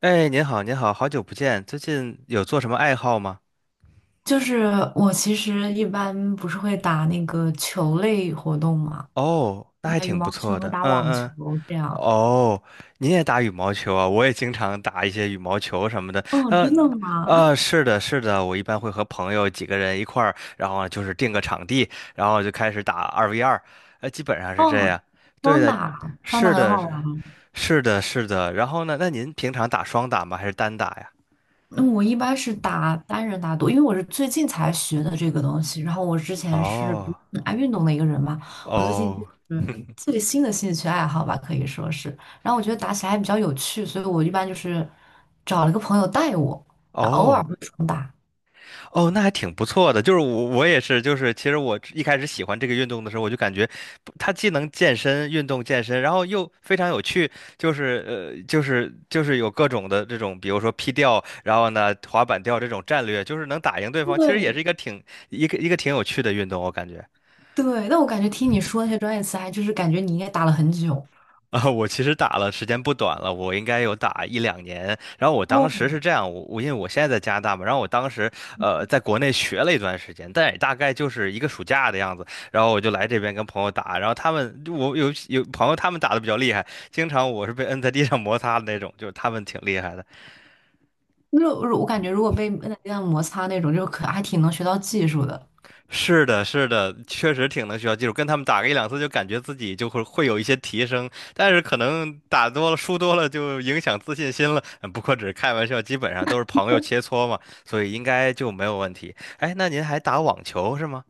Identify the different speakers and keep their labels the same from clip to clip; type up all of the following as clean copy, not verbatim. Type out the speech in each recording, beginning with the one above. Speaker 1: 哎，您好，您好，好久不见，最近有做什么爱好吗？
Speaker 2: 就是我其实一般不是会打那个球类活动嘛，
Speaker 1: 哦，那还
Speaker 2: 打羽
Speaker 1: 挺不
Speaker 2: 毛球
Speaker 1: 错
Speaker 2: 和
Speaker 1: 的，
Speaker 2: 打
Speaker 1: 嗯
Speaker 2: 网球
Speaker 1: 嗯。
Speaker 2: 这样。
Speaker 1: 哦，您也打羽毛球啊？我也经常打一些羽毛球什么的。
Speaker 2: 哦，真的
Speaker 1: 嗯，
Speaker 2: 吗？
Speaker 1: 是的，是的，我一般会和朋友几个人一块儿，然后就是定个场地，然后就开始打二 v 二。基本上是这
Speaker 2: 哦，
Speaker 1: 样。对
Speaker 2: 双
Speaker 1: 的。
Speaker 2: 打，双打
Speaker 1: 是
Speaker 2: 很
Speaker 1: 的，
Speaker 2: 好
Speaker 1: 是
Speaker 2: 玩。
Speaker 1: 是的，是的。然后呢？那您平常打双打吗？还是单打呀？
Speaker 2: 那我一般是打单人打多，因为我是最近才学的这个东西。然后我之前是不是
Speaker 1: 哦，
Speaker 2: 很爱运动的一个人嘛，我最近
Speaker 1: 哦，
Speaker 2: 就是最新的兴趣爱好吧，可以说是。然后我觉得打起来还比较有趣，所以我一般就是找了个朋友带我，然后偶尔
Speaker 1: 哦。
Speaker 2: 会双打。
Speaker 1: 哦，那还挺不错的。就是我也是，就是其实我一开始喜欢这个运动的时候，我就感觉不它既能健身、运动健身，然后又非常有趣。就是，有各种的这种，比如说劈吊，然后呢滑板吊这种战略，就是能打赢对方，其实也是
Speaker 2: 对，
Speaker 1: 一个挺有趣的运动，我感觉。
Speaker 2: 对，但我感觉听你说那些专业词，还就是感觉你应该打了很久。
Speaker 1: 啊，我其实打了时间不短了，我应该有打一两年。然后我
Speaker 2: 哦，
Speaker 1: 当时是这样，我因为我现在在加拿大嘛，然后我当时在国内学了一段时间，但也大概就是一个暑假的样子。然后我就来这边跟朋友打，然后他们我有朋友他们打的比较厉害，经常我是被摁在地上摩擦的那种，就是他们挺厉害的。
Speaker 2: 那我感觉如果被摁在地上摩擦那种，就可还挺能学到技术的。
Speaker 1: 是的，是的，确实挺能学到技术，跟他们打个一两次就感觉自己就会有一些提升，但是可能打多了、输多了就影响自信心了。嗯不过只是开玩笑，基本上都是朋友切磋嘛，所以应该就没有问题。哎，那您还打网球是吗？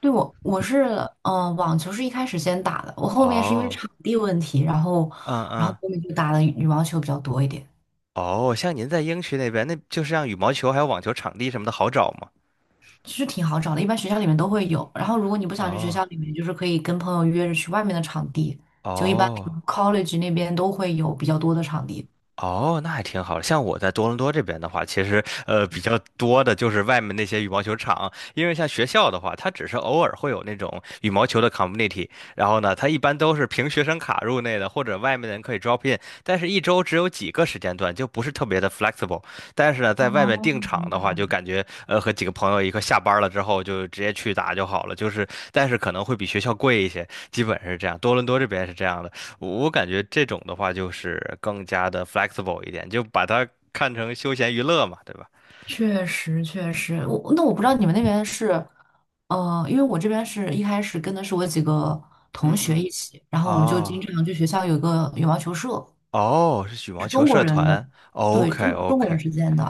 Speaker 2: 对，我我是嗯，网球是一开始先打的，我后面是因为
Speaker 1: 哦，
Speaker 2: 场地问题，然后
Speaker 1: 嗯
Speaker 2: 然后
Speaker 1: 嗯。
Speaker 2: 后面就打的羽毛球比较多一点，
Speaker 1: 哦，像您在英区那边，那就是像羽毛球还有网球场地什么的好找吗？
Speaker 2: 其实挺好找的，一般学校里面都会有。然后如果你不想去学
Speaker 1: 哦，
Speaker 2: 校里面，就是可以跟朋友约着去外面的场地，就一般
Speaker 1: 哦。
Speaker 2: college 那边都会有比较多的场地。
Speaker 1: 哦，那还挺好的。像我在多伦多这边的话，其实比较多的就是外面那些羽毛球场，因为像学校的话，它只是偶尔会有那种羽毛球的 community，然后呢，它一般都是凭学生卡入内的，或者外面的人可以 drop in，但是一周只有几个时间段，就不是特别的 flexible。但是呢，
Speaker 2: 哦，
Speaker 1: 在外面订场
Speaker 2: 明
Speaker 1: 的话，就
Speaker 2: 白。
Speaker 1: 感觉和几个朋友一块下班了之后就直接去打就好了，就是但是可能会比学校贵一些，基本是这样。多伦多这边是这样的。我感觉这种的话就是更加的 flexible 一点，就把它看成休闲娱乐嘛，对吧？
Speaker 2: 确实，确实，我那我不知道你们那边是，因为我这边是一开始跟的是我几个同
Speaker 1: 嗯
Speaker 2: 学
Speaker 1: 嗯。
Speaker 2: 一起，然后我们就经
Speaker 1: 哦，
Speaker 2: 常去学校有个羽毛球社，
Speaker 1: 哦，是羽毛球社团
Speaker 2: 对，中
Speaker 1: ，OK
Speaker 2: 中国人
Speaker 1: OK。
Speaker 2: 之间的，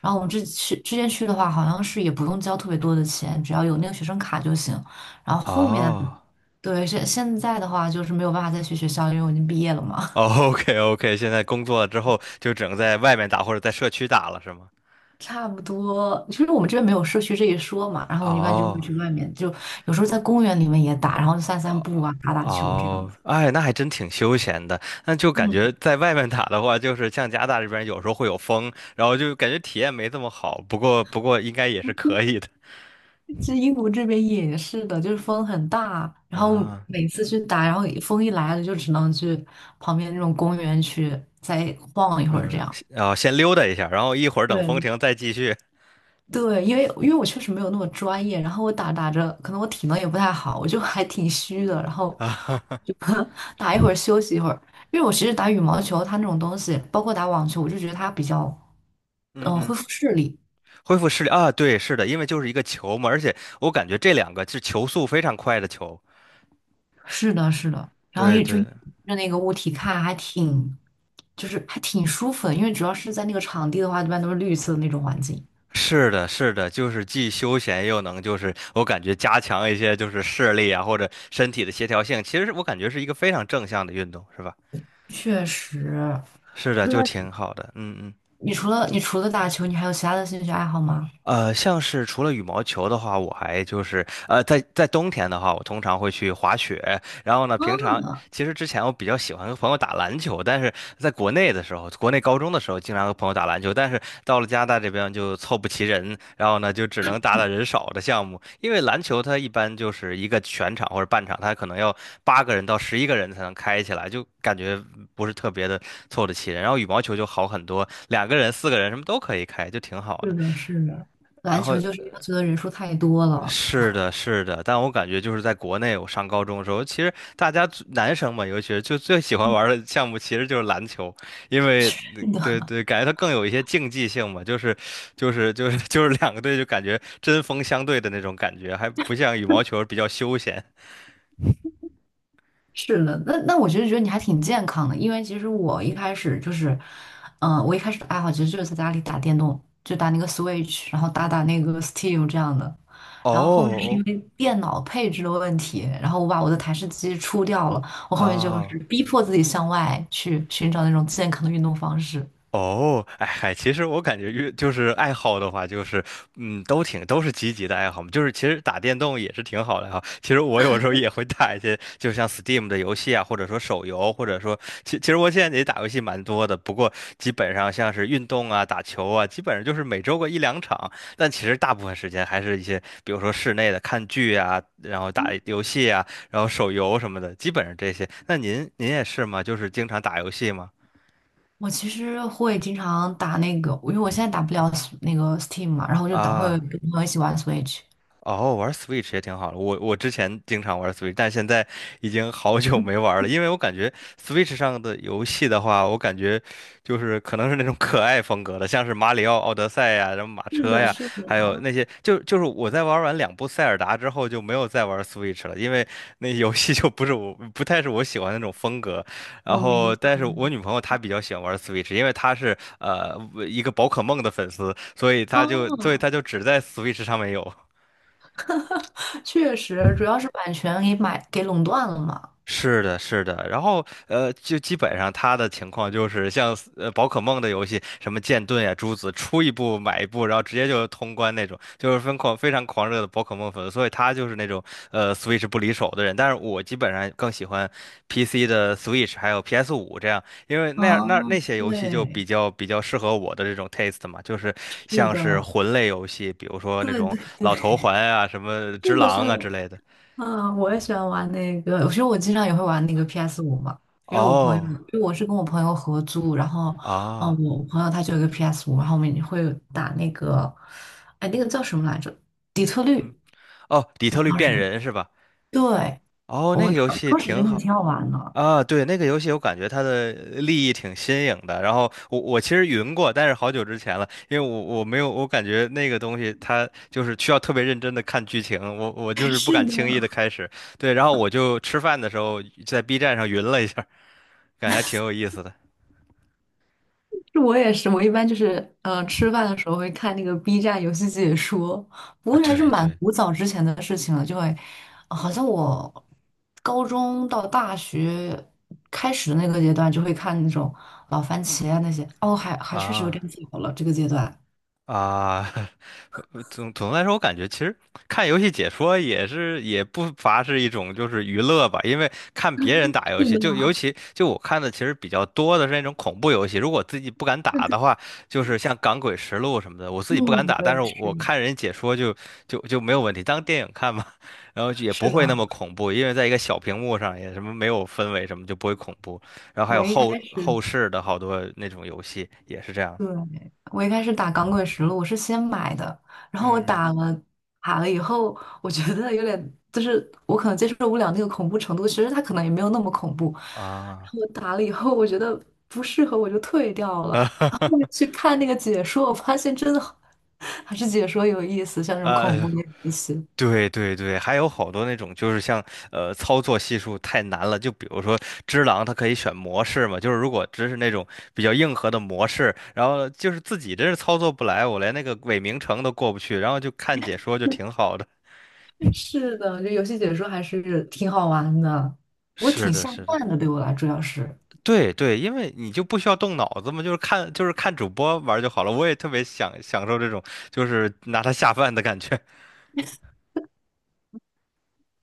Speaker 2: 然后我们这去之前去的话，好像是也不用交特别多的钱，只要有那个学生卡就行。然后后面，
Speaker 1: 哦，
Speaker 2: 对，现在的话就是没有办法再去学校，因为我已经毕业了嘛。
Speaker 1: OK OK，现在工作了之后就只能在外面打或者在社区打了，是吗？
Speaker 2: 差不多，其实我们这边没有社区这一说嘛，然后我们一般就会去
Speaker 1: 哦，
Speaker 2: 外面，就有时候在公园里面也打，然后散散步
Speaker 1: 哦，
Speaker 2: 啊，打打球这种。
Speaker 1: 哦，哎，那还真挺休闲的。那就感
Speaker 2: 嗯，
Speaker 1: 觉在外面打的话，就是像加拿大这边有时候会有风，然后就感觉体验没这么好。不过应该也是可以的
Speaker 2: 其实英国这边也是的，就是风很大，然后
Speaker 1: 啊。
Speaker 2: 每次去打，然后风一来了就只能去旁边那种公园去再晃一会儿这
Speaker 1: 嗯，
Speaker 2: 样。
Speaker 1: 先溜达一下，然后一会儿等风
Speaker 2: 对，
Speaker 1: 停再继续
Speaker 2: 对，因为我确实没有那么专业，然后我打打着，可能我体能也不太好，我就还挺虚的，然后
Speaker 1: 啊。哈哈。
Speaker 2: 就 打一会儿休息一会儿。因为我其实打羽毛球，它那种东西，包括打网球，我就觉得它比较，
Speaker 1: 嗯
Speaker 2: 嗯，
Speaker 1: 嗯，
Speaker 2: 恢复视力。
Speaker 1: 恢复视力啊，对，是的，因为就是一个球嘛，而且我感觉这两个是球速非常快的球。
Speaker 2: 是的，是的，然后
Speaker 1: 对
Speaker 2: 一就
Speaker 1: 对，
Speaker 2: 一直盯着那个物体看，还挺，就是还挺舒服的，因为主要是在那个场地的话，一般都是绿色的那种环境。
Speaker 1: 是的，是的，就是既休闲又能，就是我感觉加强一些就是视力啊或者身体的协调性，其实我感觉是一个非常正向的运动，是吧？
Speaker 2: 确实，
Speaker 1: 是的，
Speaker 2: 那
Speaker 1: 就挺好的。嗯嗯。
Speaker 2: 你除了打球，你还有其他的兴趣爱好吗？
Speaker 1: 像是除了羽毛球的话，我还就是在冬天的话，我通常会去滑雪。然后呢，平常其实之前我比较喜欢和朋友打篮球，但是在国内的时候，国内高中的时候经常和朋友打篮球，但是到了加拿大这边就凑不齐人，然后呢就只能打打人少的项目。因为篮球它一般就是一个全场或者半场，它可能要八个人到十一个人才能开起来，就感觉不是特别的凑得齐人。然后羽毛球就好很多，两个人、四个人什么都可以开，就挺好
Speaker 2: 是
Speaker 1: 的。
Speaker 2: 的，是的，
Speaker 1: 然
Speaker 2: 篮球
Speaker 1: 后
Speaker 2: 就是要求的人数太多了。
Speaker 1: 是的，是的，但我感觉就是在国内，我上高中的时候，其实大家最男生嘛，尤其是就最喜欢玩的项目其实就是篮球，因 为
Speaker 2: 是
Speaker 1: 对
Speaker 2: 的，
Speaker 1: 对，感觉它更有一些竞技性嘛，就是两个队就感觉针锋相对的那种感觉，还不像羽毛球比较休闲。
Speaker 2: 是的，那我得觉得你还挺健康的，因为其实我一开始就是，嗯，我一开始的爱好其实就是在家里打电动，就打那个 Switch，然后打打那个 Steam 这样的。然后后面是
Speaker 1: 哦，
Speaker 2: 因为电脑配置的问题，然后我把我的台式机出掉了，我
Speaker 1: 哦，
Speaker 2: 后面就是
Speaker 1: 啊。
Speaker 2: 逼迫自己向外去寻找那种健康的运动方式。
Speaker 1: 哦，哎嗨，其实我感觉越就是爱好的话，就是嗯，都是积极的爱好嘛。就是其实打电动也是挺好的哈。其实我有时候也会打一些，就像 Steam 的游戏啊，或者说手游，或者说其实我现在也打游戏蛮多的，不过基本上像是运动啊、打球啊，基本上就是每周个一两场。但其实大部分时间还是一些，比如说室内的看剧啊，然后打游戏啊，然后手游什么的，基本上这些。那您也是吗？就是经常打游戏吗？
Speaker 2: 我其实会经常打那个，因为我现在打不了 那个 Steam 嘛，然后我就打会
Speaker 1: 啊。
Speaker 2: 跟朋友一起玩 Switch。
Speaker 1: 哦，玩 Switch 也挺好的。我之前经常玩 Switch，但现在已经好久没玩了，因为我感觉 Switch 上的游戏的话，我感觉就是可能是那种可爱风格的，像是马里奥奥德赛呀、什么马
Speaker 2: 是
Speaker 1: 车
Speaker 2: 的，
Speaker 1: 呀，
Speaker 2: 是
Speaker 1: 还有
Speaker 2: 的，
Speaker 1: 那些，就是我在玩完两部塞尔达之后就没有再玩 Switch 了，因为那游戏就不是我不太是我喜欢的那种风格。然
Speaker 2: 我明
Speaker 1: 后，但是我女朋友她比较喜欢玩 Switch，因为她是一个宝可梦的粉丝，所以她就所以
Speaker 2: 哦，
Speaker 1: 她就只在 Switch 上面有。
Speaker 2: 确实主要是版权给买给垄断了嘛。
Speaker 1: 是的，是的，然后就基本上他的情况就是像宝可梦的游戏，什么剑盾呀、朱子，出一部买一部，然后直接就通关那种，就是疯狂非常狂热的宝可梦粉，所以他就是那种Switch 不离手的人。但是我基本上更喜欢 PC 的 Switch 还有 PS5这样，因为那样那那
Speaker 2: 哦，
Speaker 1: 些游戏就比
Speaker 2: 对，
Speaker 1: 较比较适合我的这种 taste 嘛，就是
Speaker 2: 是
Speaker 1: 像是
Speaker 2: 的，
Speaker 1: 魂类游戏，比如说那
Speaker 2: 对
Speaker 1: 种
Speaker 2: 对对，
Speaker 1: 老头环啊、什么只
Speaker 2: 是的，是
Speaker 1: 狼啊之
Speaker 2: 的，
Speaker 1: 类的。
Speaker 2: 啊，我也喜欢玩那个，其实我经常也会玩那个 p s 五嘛，因为我朋友，因
Speaker 1: 哦，
Speaker 2: 为我是跟我朋友合租，然后，嗯，
Speaker 1: 啊。
Speaker 2: 我朋友他就有个 p s 五，然后我们也会打那个，哎，那个叫什么来着？底特律。
Speaker 1: 哦，底特律
Speaker 2: 当
Speaker 1: 变
Speaker 2: 时
Speaker 1: 人是吧？
Speaker 2: 对，
Speaker 1: 哦，
Speaker 2: 我
Speaker 1: 那个
Speaker 2: 们
Speaker 1: 游
Speaker 2: 当
Speaker 1: 戏
Speaker 2: 当时
Speaker 1: 挺
Speaker 2: 真的
Speaker 1: 好
Speaker 2: 挺好玩的。
Speaker 1: 啊。对，那个游戏我感觉它的立意挺新颖的。然后我其实云过，但是好久之前了，因为我没有，我感觉那个东西它就是需要特别认真的看剧情，我就 是不
Speaker 2: 是
Speaker 1: 敢
Speaker 2: 的，
Speaker 1: 轻易的开始。对，然后我就吃饭的时候在 B 站上云了一下，感觉还挺有意思的
Speaker 2: 就我也是，我一般就是吃饭的时候会看那个 B 站游戏解说，不
Speaker 1: 啊。
Speaker 2: 过还是
Speaker 1: 对
Speaker 2: 蛮
Speaker 1: 对
Speaker 2: 古早之前的事情了，就会好像我高中到大学开始的那个阶段就会看那种老番茄啊那些，哦，还确实有点
Speaker 1: 啊。
Speaker 2: 早了这个阶段。
Speaker 1: 啊，总的来说，我感觉其实看游戏解说也是也不乏是一种就是娱乐吧，因为看别人打游
Speaker 2: 是
Speaker 1: 戏，
Speaker 2: 的，
Speaker 1: 就尤其就我看的其实比较多的是那种恐怖游戏，如果自己不敢
Speaker 2: 对
Speaker 1: 打
Speaker 2: 对，
Speaker 1: 的话，就是像《港诡实录》什么的，我自己不敢
Speaker 2: 嗯，
Speaker 1: 打，
Speaker 2: 我
Speaker 1: 但是
Speaker 2: 也
Speaker 1: 我
Speaker 2: 是。
Speaker 1: 看人解说就没有问题，当电影看嘛，然后就也不
Speaker 2: 是的，
Speaker 1: 会那么恐怖，因为在一个小屏幕上也什么没有氛围什么就不会恐怖，然后还有
Speaker 2: 我一开
Speaker 1: 后
Speaker 2: 始
Speaker 1: 后世的好多那种游戏也是这样的。
Speaker 2: 对，我一开始打《钢滚实录》了，我是先买的，然后我
Speaker 1: 嗯，
Speaker 2: 打了以后，我觉得有点，就是我可能接受不了那个恐怖程度，其实它可能也没有那么恐怖。然
Speaker 1: 啊。
Speaker 2: 后我打了以后，我觉得不适合，我就退掉了。
Speaker 1: 啊，哈
Speaker 2: 然后
Speaker 1: 哈。
Speaker 2: 后面去看那个解说，我发现真的好 还是解说有意思，像这种恐
Speaker 1: 呃，
Speaker 2: 怖的游戏。
Speaker 1: 对对对，还有好多那种就是像操作系数太难了，就比如说只狼它可以选模式嘛，就是如果只是那种比较硬核的模式，然后就是自己真是操作不来，我连那个伪名城都过不去，然后就看解说就挺 好的。
Speaker 2: 是的，这游戏解说还是挺好玩的，不过
Speaker 1: 是
Speaker 2: 挺
Speaker 1: 的，
Speaker 2: 下
Speaker 1: 是的，
Speaker 2: 饭的，对我来主要是。
Speaker 1: 对对，因为你就不需要动脑子嘛，就是看主播玩儿就好了。我也特别享受这种就是拿它下饭的感觉。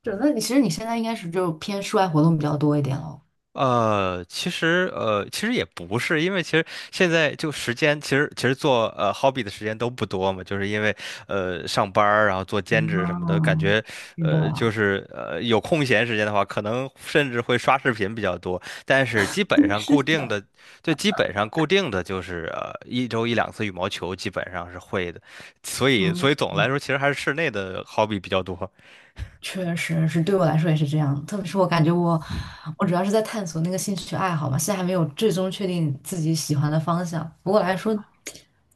Speaker 2: 是，那你其实你现在应该是就偏室外活动比较多一点了。
Speaker 1: 其实也不是，因为其实现在就时间，其实做hobby 的时间都不多嘛，就是因为上班儿，然后做兼职什么的，感
Speaker 2: 啊，
Speaker 1: 觉
Speaker 2: 是的，
Speaker 1: 就是有空闲时间的话，可能甚至会刷视频比较多，但是基本上
Speaker 2: 是
Speaker 1: 固定的，
Speaker 2: 的，
Speaker 1: 就基本上固定的就是一周一两次羽毛球，基本上是会的，所以所
Speaker 2: 嗯，
Speaker 1: 以总的来说，其实还是室内的 hobby 比较多。
Speaker 2: 确实是对我来说也是这样。特别是我感觉我，我主要是在探索那个兴趣爱好嘛，现在还没有最终确定自己喜欢的方向。不过来
Speaker 1: 啊。
Speaker 2: 说，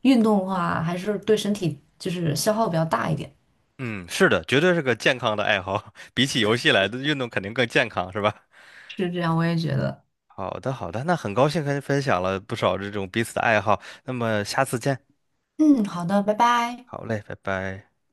Speaker 2: 运动的话还是对身体就是消耗比较大一点，
Speaker 1: 嗯，是的，绝对是个健康的爱好。比起游戏来的运动肯定更健康，是吧？
Speaker 2: 是这样，我也觉得。
Speaker 1: 好的，好的，那很高兴跟你分享了不少这种彼此的爱好，那么下次见，
Speaker 2: 嗯，好的，拜拜。
Speaker 1: 好嘞，拜拜。